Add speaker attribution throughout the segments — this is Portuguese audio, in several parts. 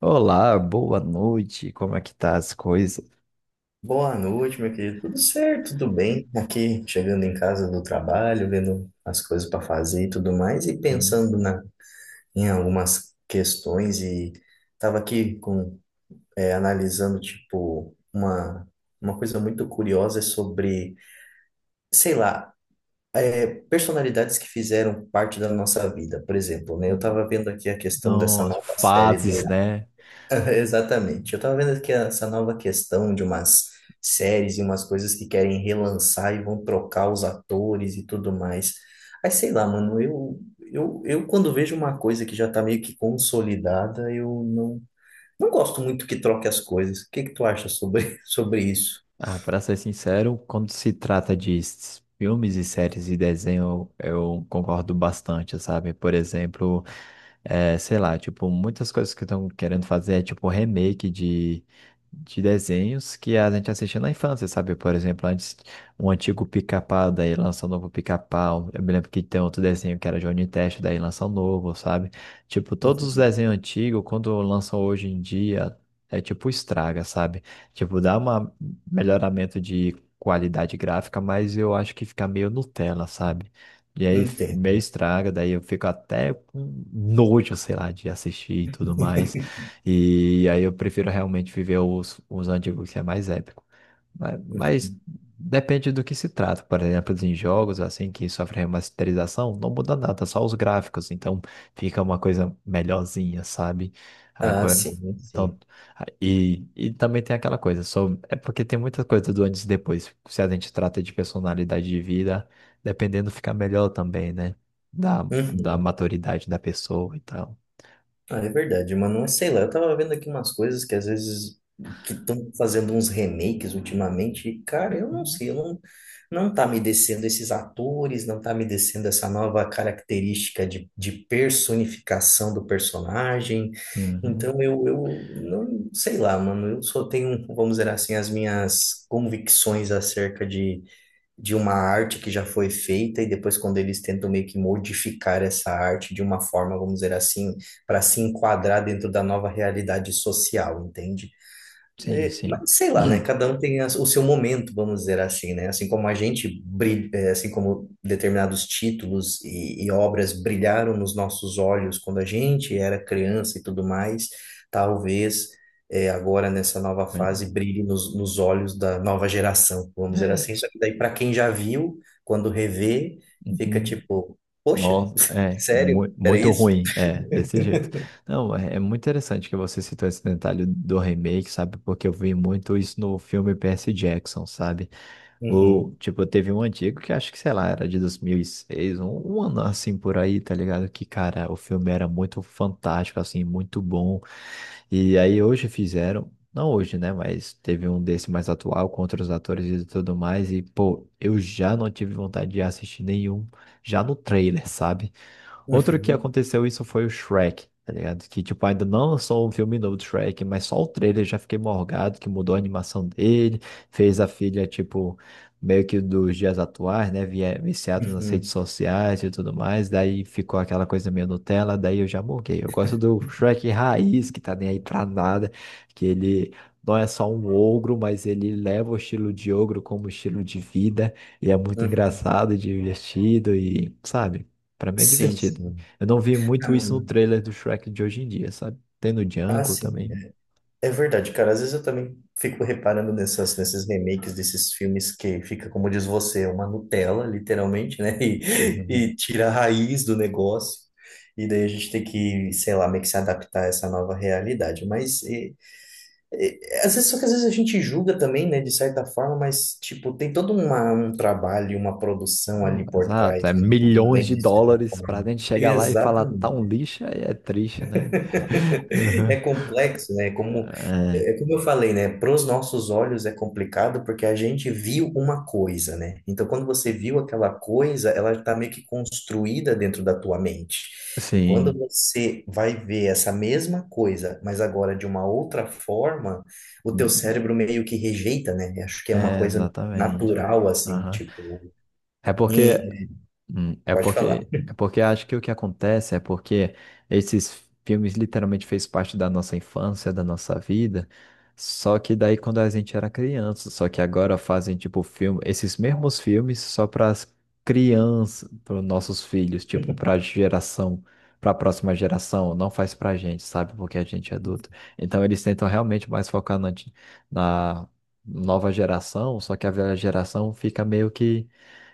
Speaker 1: Olá, boa noite. Como é que tá as coisas?
Speaker 2: Boa noite, meu querido. Tudo certo, tudo bem? Aqui chegando em casa do trabalho, vendo as coisas para fazer e tudo mais, e
Speaker 1: Hum,
Speaker 2: pensando em algumas questões e estava aqui com analisando tipo uma coisa muito curiosa sobre, sei lá, personalidades que fizeram parte da nossa vida, por exemplo, né? Eu
Speaker 1: hum.
Speaker 2: estava vendo aqui a questão dessa
Speaker 1: Nossa,
Speaker 2: nova série do
Speaker 1: fases, né?
Speaker 2: Exatamente. Eu tava vendo aqui essa nova questão de umas séries e umas coisas que querem relançar e vão trocar os atores e tudo mais. Aí sei lá, mano, eu quando vejo uma coisa que já tá meio que consolidada, eu não, não gosto muito que troque as coisas. O que que tu acha sobre, sobre isso?
Speaker 1: Ah, para ser sincero, quando se trata de filmes e séries e desenho, eu concordo bastante, sabe? Por exemplo, é, sei lá, tipo, muitas coisas que estão querendo fazer é tipo remake de desenhos que a gente assistia na infância, sabe? Por exemplo, antes um antigo Pica-Pau, daí lança um novo Pica-Pau. Eu me lembro que tem outro desenho que era Johnny Test, daí lança um novo, sabe? Tipo, todos os desenhos antigos, quando lançam hoje em dia, é tipo estraga, sabe? Tipo, dá um melhoramento de qualidade gráfica, mas eu acho que fica meio Nutella, sabe? E aí meio
Speaker 2: Entendo.
Speaker 1: estraga, daí eu fico até com nojo, sei lá, de assistir e tudo mais. E aí eu prefiro realmente viver os antigos, que é mais épico. Mas depende do que se trata. Por exemplo, em jogos assim que sofrem remasterização, não muda nada, só os gráficos. Então fica uma coisa melhorzinha, sabe?
Speaker 2: Ah,
Speaker 1: Agora.
Speaker 2: sim, sim.
Speaker 1: Então, e também tem aquela coisa, só é porque tem muita coisa do antes e depois. Se a gente trata de personalidade de vida. Dependendo, fica melhor também, né? Da maturidade da pessoa e tal.
Speaker 2: Ah, é verdade, mano. Mas sei lá, eu tava vendo aqui umas coisas que às vezes que estão fazendo uns remakes ultimamente, e, cara, eu não sei, eu não, não tá me descendo esses atores, não tá me descendo essa nova característica de personificação do personagem.
Speaker 1: Uhum.
Speaker 2: Então eu não sei lá, mano, eu só tenho, vamos dizer assim, as minhas convicções acerca de uma arte que já foi feita e depois quando eles tentam meio que modificar essa arte de uma forma, vamos dizer assim, para se enquadrar dentro da nova realidade social, entende?
Speaker 1: Sim,
Speaker 2: É.
Speaker 1: sim.
Speaker 2: Mas sei lá, né? Cada um tem o seu momento, vamos dizer assim, né? Assim como a gente brilha, é, assim como determinados títulos e obras brilharam nos nossos olhos quando a gente era criança e tudo mais, talvez agora nessa nova
Speaker 1: Bem,
Speaker 2: fase brilhe nos olhos da nova geração, vamos dizer
Speaker 1: é.
Speaker 2: assim. Só que daí para quem já viu, quando revê, fica
Speaker 1: Uhum.
Speaker 2: tipo, poxa,
Speaker 1: Nossa, é
Speaker 2: sério? Era
Speaker 1: muito
Speaker 2: isso?
Speaker 1: ruim, é, desse jeito. Não, é, é muito interessante que você citou esse detalhe do remake, sabe? Porque eu vi muito isso no filme Percy Jackson, sabe? Ou,
Speaker 2: Uhum,
Speaker 1: tipo, teve um antigo que acho que, sei lá, era de 2006, um ano assim por aí, tá ligado? Que, cara, o filme era muito fantástico, assim, muito bom. E aí hoje fizeram, não hoje, né? Mas teve um desse mais atual, com outros atores e tudo mais. E, pô, eu já não tive vontade de assistir nenhum, já no trailer, sabe? Outro que
Speaker 2: uhum,
Speaker 1: aconteceu isso foi o Shrek, tá ligado? Que, tipo, ainda não lançou um filme novo do Shrek, mas só o trailer já fiquei morgado, que mudou a animação dele, fez a filha, tipo, meio que dos dias atuais, né? Viciado nas redes
Speaker 2: uhum,
Speaker 1: sociais e tudo mais, daí ficou aquela coisa meio Nutella, daí eu já morguei. Eu gosto do Shrek raiz, que tá nem aí pra nada, que ele não é só um ogro, mas ele leva o estilo de ogro como estilo de vida, e é muito
Speaker 2: uhum.
Speaker 1: engraçado e divertido, e, sabe? Pra mim é
Speaker 2: Sim,
Speaker 1: divertido.
Speaker 2: sim.
Speaker 1: Eu não vi muito isso no trailer do Shrek de hoje em dia, sabe? Tem no
Speaker 2: Ah,
Speaker 1: Django
Speaker 2: sim.
Speaker 1: também.
Speaker 2: É. É verdade, cara. Às vezes eu também fico reparando nesses remakes desses filmes que fica, como diz você, uma Nutella, literalmente, né?
Speaker 1: Uhum.
Speaker 2: E tira a raiz do negócio. E daí a gente tem que, sei lá, meio que se adaptar a essa nova realidade. E- Às vezes, só que às vezes a gente julga também, né? De certa forma, mas, tipo, tem um trabalho, uma produção
Speaker 1: Não,
Speaker 2: ali por
Speaker 1: exato. É
Speaker 2: trás, né?
Speaker 1: milhões
Speaker 2: Também,
Speaker 1: de
Speaker 2: de certa
Speaker 1: dólares pra
Speaker 2: forma.
Speaker 1: gente chegar lá e falar tá um
Speaker 2: Exatamente.
Speaker 1: lixo, aí é triste, né? Uhum.
Speaker 2: É complexo, né? É como eu falei, né? Para os nossos olhos é complicado porque a gente viu uma coisa, né? Então, quando você viu aquela coisa, ela está meio que construída dentro da tua mente.
Speaker 1: É,
Speaker 2: E quando
Speaker 1: sim.
Speaker 2: você vai ver essa mesma coisa, mas agora de uma outra forma, o teu
Speaker 1: Uhum.
Speaker 2: cérebro meio que rejeita, né? Eu acho que é uma
Speaker 1: É,
Speaker 2: coisa
Speaker 1: exatamente.
Speaker 2: natural, assim,
Speaker 1: Aham.
Speaker 2: tipo.
Speaker 1: É porque
Speaker 2: em-
Speaker 1: Hum, É
Speaker 2: Pode falar.
Speaker 1: porque, é porque acho que o que acontece é porque esses filmes literalmente fez parte da nossa infância, da nossa vida. Só que daí quando a gente era criança, só que agora fazem tipo filme, esses mesmos filmes só para as crianças, para os nossos filhos, tipo para geração, para a próxima geração, não faz pra gente, sabe? Porque a gente é adulto. Então eles tentam realmente mais focar na nova geração, só que a velha geração fica meio que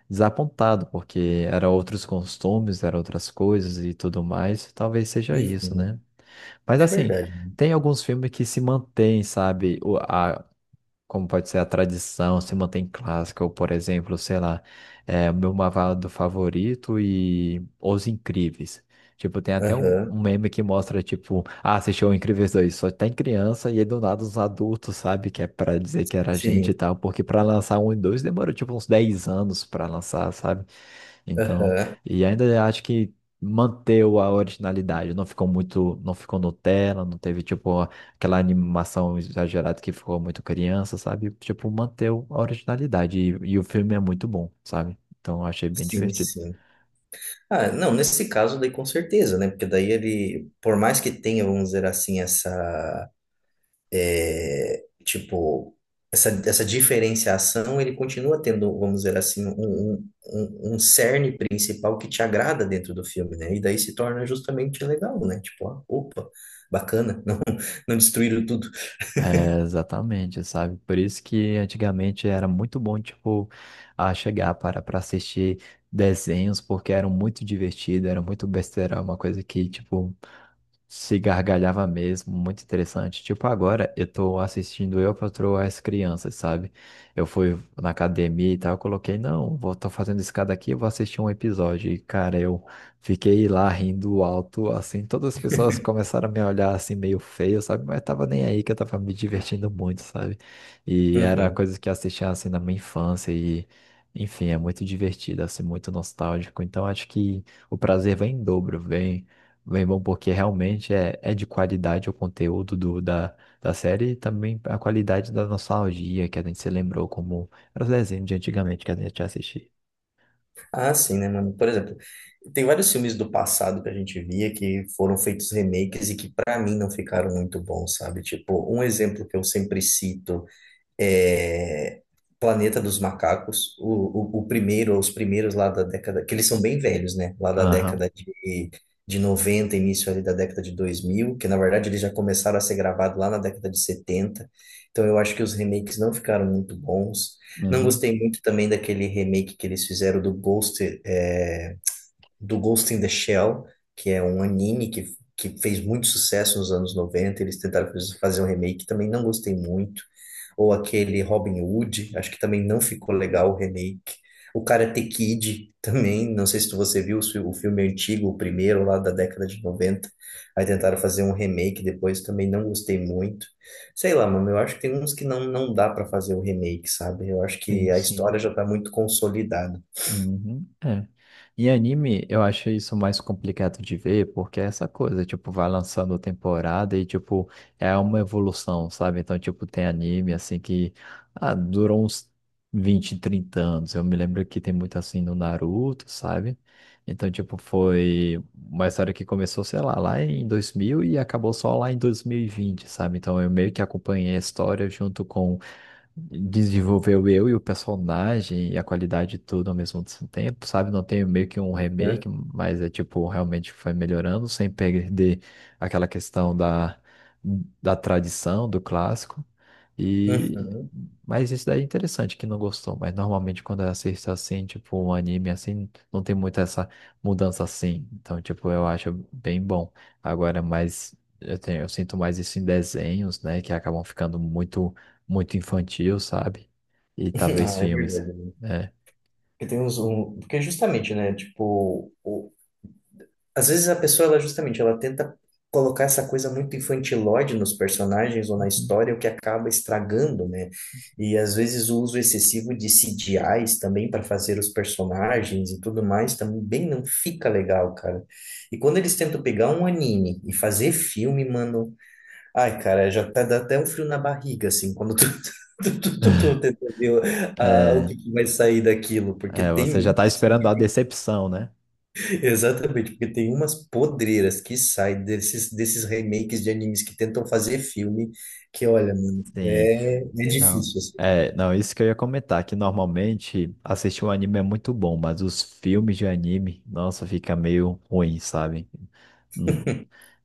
Speaker 1: desapontado, porque era outros costumes, era outras coisas e tudo mais. Talvez seja isso,
Speaker 2: Uhum.
Speaker 1: né? Mas
Speaker 2: É
Speaker 1: assim,
Speaker 2: verdade.
Speaker 1: tem alguns filmes que se mantêm, sabe? Como pode ser a tradição, se mantém clássica, ou por exemplo, sei lá, é, o meu malvado favorito e Os Incríveis. Tipo, tem até
Speaker 2: Aham.
Speaker 1: um meme que mostra, tipo, ah, assistiu o Incríveis 2 só tem criança e aí do nada os adultos, sabe? Que é pra dizer que era gente e
Speaker 2: Sim.
Speaker 1: tal, porque pra lançar um e dois demorou, tipo, uns 10 anos pra lançar, sabe? Então,
Speaker 2: Aham.
Speaker 1: e ainda acho que manteu a originalidade, não ficou muito, não ficou Nutella, não teve tipo aquela animação exagerada que ficou muito criança, sabe? Tipo, manteu a originalidade e o filme é muito bom, sabe? Então, eu achei bem
Speaker 2: Sim,
Speaker 1: divertido.
Speaker 2: sim. Ah, não, nesse caso daí com certeza, né? Porque daí ele, por mais que tenha, vamos dizer assim, é, tipo, essa, essa diferenciação, ele continua tendo, vamos dizer assim, um cerne principal que te agrada dentro do filme, né? E daí se torna justamente legal, né? Tipo, ah, opa, bacana, não, não destruíram tudo.
Speaker 1: É, exatamente, sabe? Por isso que antigamente era muito bom, tipo, a chegar para assistir desenhos, porque eram muito divertidos, era muito besteira, uma coisa que, tipo, se gargalhava mesmo, muito interessante. Tipo, agora eu tô assistindo Eu, Patroa e as Crianças, sabe? Eu fui na academia e tal, eu coloquei, não, vou, tô fazendo escada aqui, eu vou assistir um episódio. E, cara, eu fiquei lá rindo alto, assim, todas as pessoas começaram a me olhar assim, meio feio, sabe? Mas tava nem aí que eu tava me divertindo muito, sabe? E era
Speaker 2: Uhum.
Speaker 1: coisas que eu assistia, assim, na minha infância e... Enfim, é muito divertido, assim, muito nostálgico. Então, acho que o prazer vem em dobro, vem bem bom, porque realmente é, é de qualidade o conteúdo da série e também a qualidade da nostalgia que a gente se lembrou como era os desenhos de antigamente que a gente assistia.
Speaker 2: Ah, sim, né, mano? Por exemplo, tem vários filmes do passado que a gente via que foram feitos remakes e que pra mim não ficaram muito bons, sabe? Tipo, um exemplo que eu sempre cito é, Planeta dos Macacos, o primeiro, os primeiros lá da década, que eles são bem velhos, né? Lá da
Speaker 1: Aham,
Speaker 2: década de, de noventa, início ali da década de 2000, que na verdade eles já começaram a ser gravados lá na década de 70. Então eu acho que os remakes não ficaram muito bons. Não
Speaker 1: uhum.
Speaker 2: gostei muito também daquele remake que eles fizeram do Ghost, do Ghost in the Shell, que é um anime que fez muito sucesso nos anos noventa. Eles tentaram fazer um remake, também não gostei muito. Ou aquele Robin Hood, acho que também não ficou legal o remake. O Karate Kid também, não sei se você viu o filme antigo, o primeiro lá da década de noventa. Aí tentaram fazer um remake depois, também não gostei muito. Sei lá, mano, eu acho que tem uns que não dá pra fazer o remake, sabe? Eu acho que
Speaker 1: Sim,
Speaker 2: a
Speaker 1: sim.
Speaker 2: história já tá muito consolidada.
Speaker 1: Uhum, é. Em anime, eu acho isso mais complicado de ver, porque é essa coisa, tipo, vai lançando temporada e, tipo, é uma evolução, sabe? Então, tipo, tem anime, assim, que ah, durou uns 20 30 anos. Eu me lembro que tem muito, assim, no Naruto, sabe? Então, tipo, foi uma história que começou, sei lá, lá em 2000 e acabou só lá em 2020, sabe? Então, eu meio que acompanhei a história junto com desenvolveu eu e o personagem e a qualidade tudo ao mesmo tempo, sabe? Não tem meio que um
Speaker 2: Né?
Speaker 1: remake, mas é tipo, realmente foi melhorando sem perder aquela questão da tradição, do clássico. E
Speaker 2: Uhum.
Speaker 1: mas isso daí é interessante que não gostou, mas normalmente quando eu assisto assim, tipo um anime assim, não tem muito essa mudança assim. Então, tipo, eu acho bem bom. Agora, mais eu tenho, eu sinto mais isso em desenhos, né, que acabam ficando muito infantil, sabe? E talvez
Speaker 2: Ah, é
Speaker 1: filmes.
Speaker 2: verdade.
Speaker 1: É.
Speaker 2: Porque tem porque justamente, né, tipo, às vezes a pessoa, ela justamente, ela tenta colocar essa coisa muito infantilóide nos personagens ou na
Speaker 1: Uhum.
Speaker 2: história, o que acaba estragando, né? E às vezes o uso excessivo de CGIs também para fazer os personagens e tudo mais também não fica legal, cara. E quando eles tentam pegar um anime e fazer filme, mano, ai, cara, já tá, dá até um frio na barriga, assim, quando tu, tu tenta ver o
Speaker 1: É,
Speaker 2: que, que vai sair daquilo, porque
Speaker 1: você
Speaker 2: tem
Speaker 1: já
Speaker 2: uns,
Speaker 1: tá
Speaker 2: assim,
Speaker 1: esperando a decepção, né?
Speaker 2: exatamente, porque tem umas podreiras que saem desses remakes de animes que tentam fazer filme, que olha, mano,
Speaker 1: Sim.
Speaker 2: é
Speaker 1: Não.
Speaker 2: difícil, assim.
Speaker 1: É, não, isso que eu ia comentar, que normalmente assistir um anime é muito bom, mas os filmes de anime, nossa, fica meio ruim, sabe? Hum,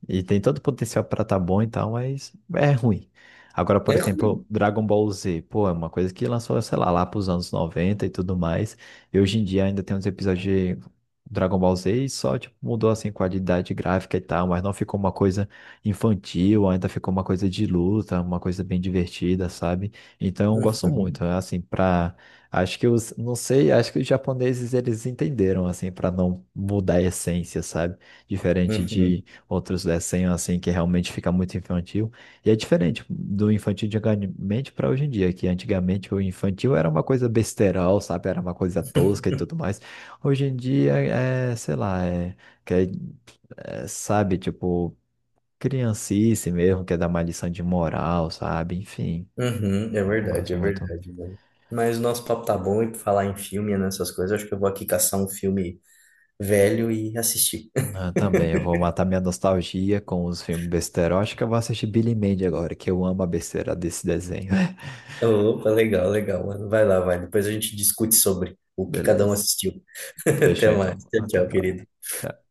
Speaker 1: E tem todo o potencial pra tá bom e tal, mas é ruim. Agora, por
Speaker 2: É
Speaker 1: exemplo,
Speaker 2: ruim.
Speaker 1: Dragon Ball Z, pô, é uma coisa que lançou, sei lá, lá pros anos 90 e tudo mais. E hoje em dia ainda tem uns episódios de Dragon Ball Z e só, tipo, mudou, assim, qualidade gráfica e tal, mas não ficou uma coisa infantil, ainda ficou uma coisa de luta, uma coisa bem divertida, sabe? Então, eu gosto
Speaker 2: Uhum,
Speaker 1: muito, né? assim, pra... Acho que os, não sei, acho que os japoneses, eles entenderam, assim, pra não mudar a essência, sabe? Diferente
Speaker 2: uhum,
Speaker 1: de outros desenhos assim que realmente fica muito infantil. E é diferente do infantil de antigamente para hoje em dia, que antigamente o infantil era uma coisa besterol, sabe? Era uma coisa tosca e tudo mais. Hoje em dia sei lá, quer- sabe, tipo, criancice mesmo, quer dar uma lição de moral, sabe? Enfim,
Speaker 2: uhum,
Speaker 1: não gosto
Speaker 2: é
Speaker 1: muito.
Speaker 2: verdade, mano. Mas o nosso papo tá bom e pra falar em filme, e nessas coisas, acho que eu vou aqui caçar um filme velho e assistir.
Speaker 1: Ah, também, eu vou matar minha nostalgia com os filmes besterol. Acho que eu vou assistir Billy Mandy agora, que eu amo a besteira desse desenho.
Speaker 2: Opa, legal, legal, mano. Vai lá, vai. Depois a gente discute sobre o que cada um
Speaker 1: Beleza.
Speaker 2: assistiu.
Speaker 1: Fechou
Speaker 2: Até mais.
Speaker 1: então.
Speaker 2: Tchau,
Speaker 1: Até a
Speaker 2: tchau,
Speaker 1: próxima.
Speaker 2: querido.
Speaker 1: Tchau.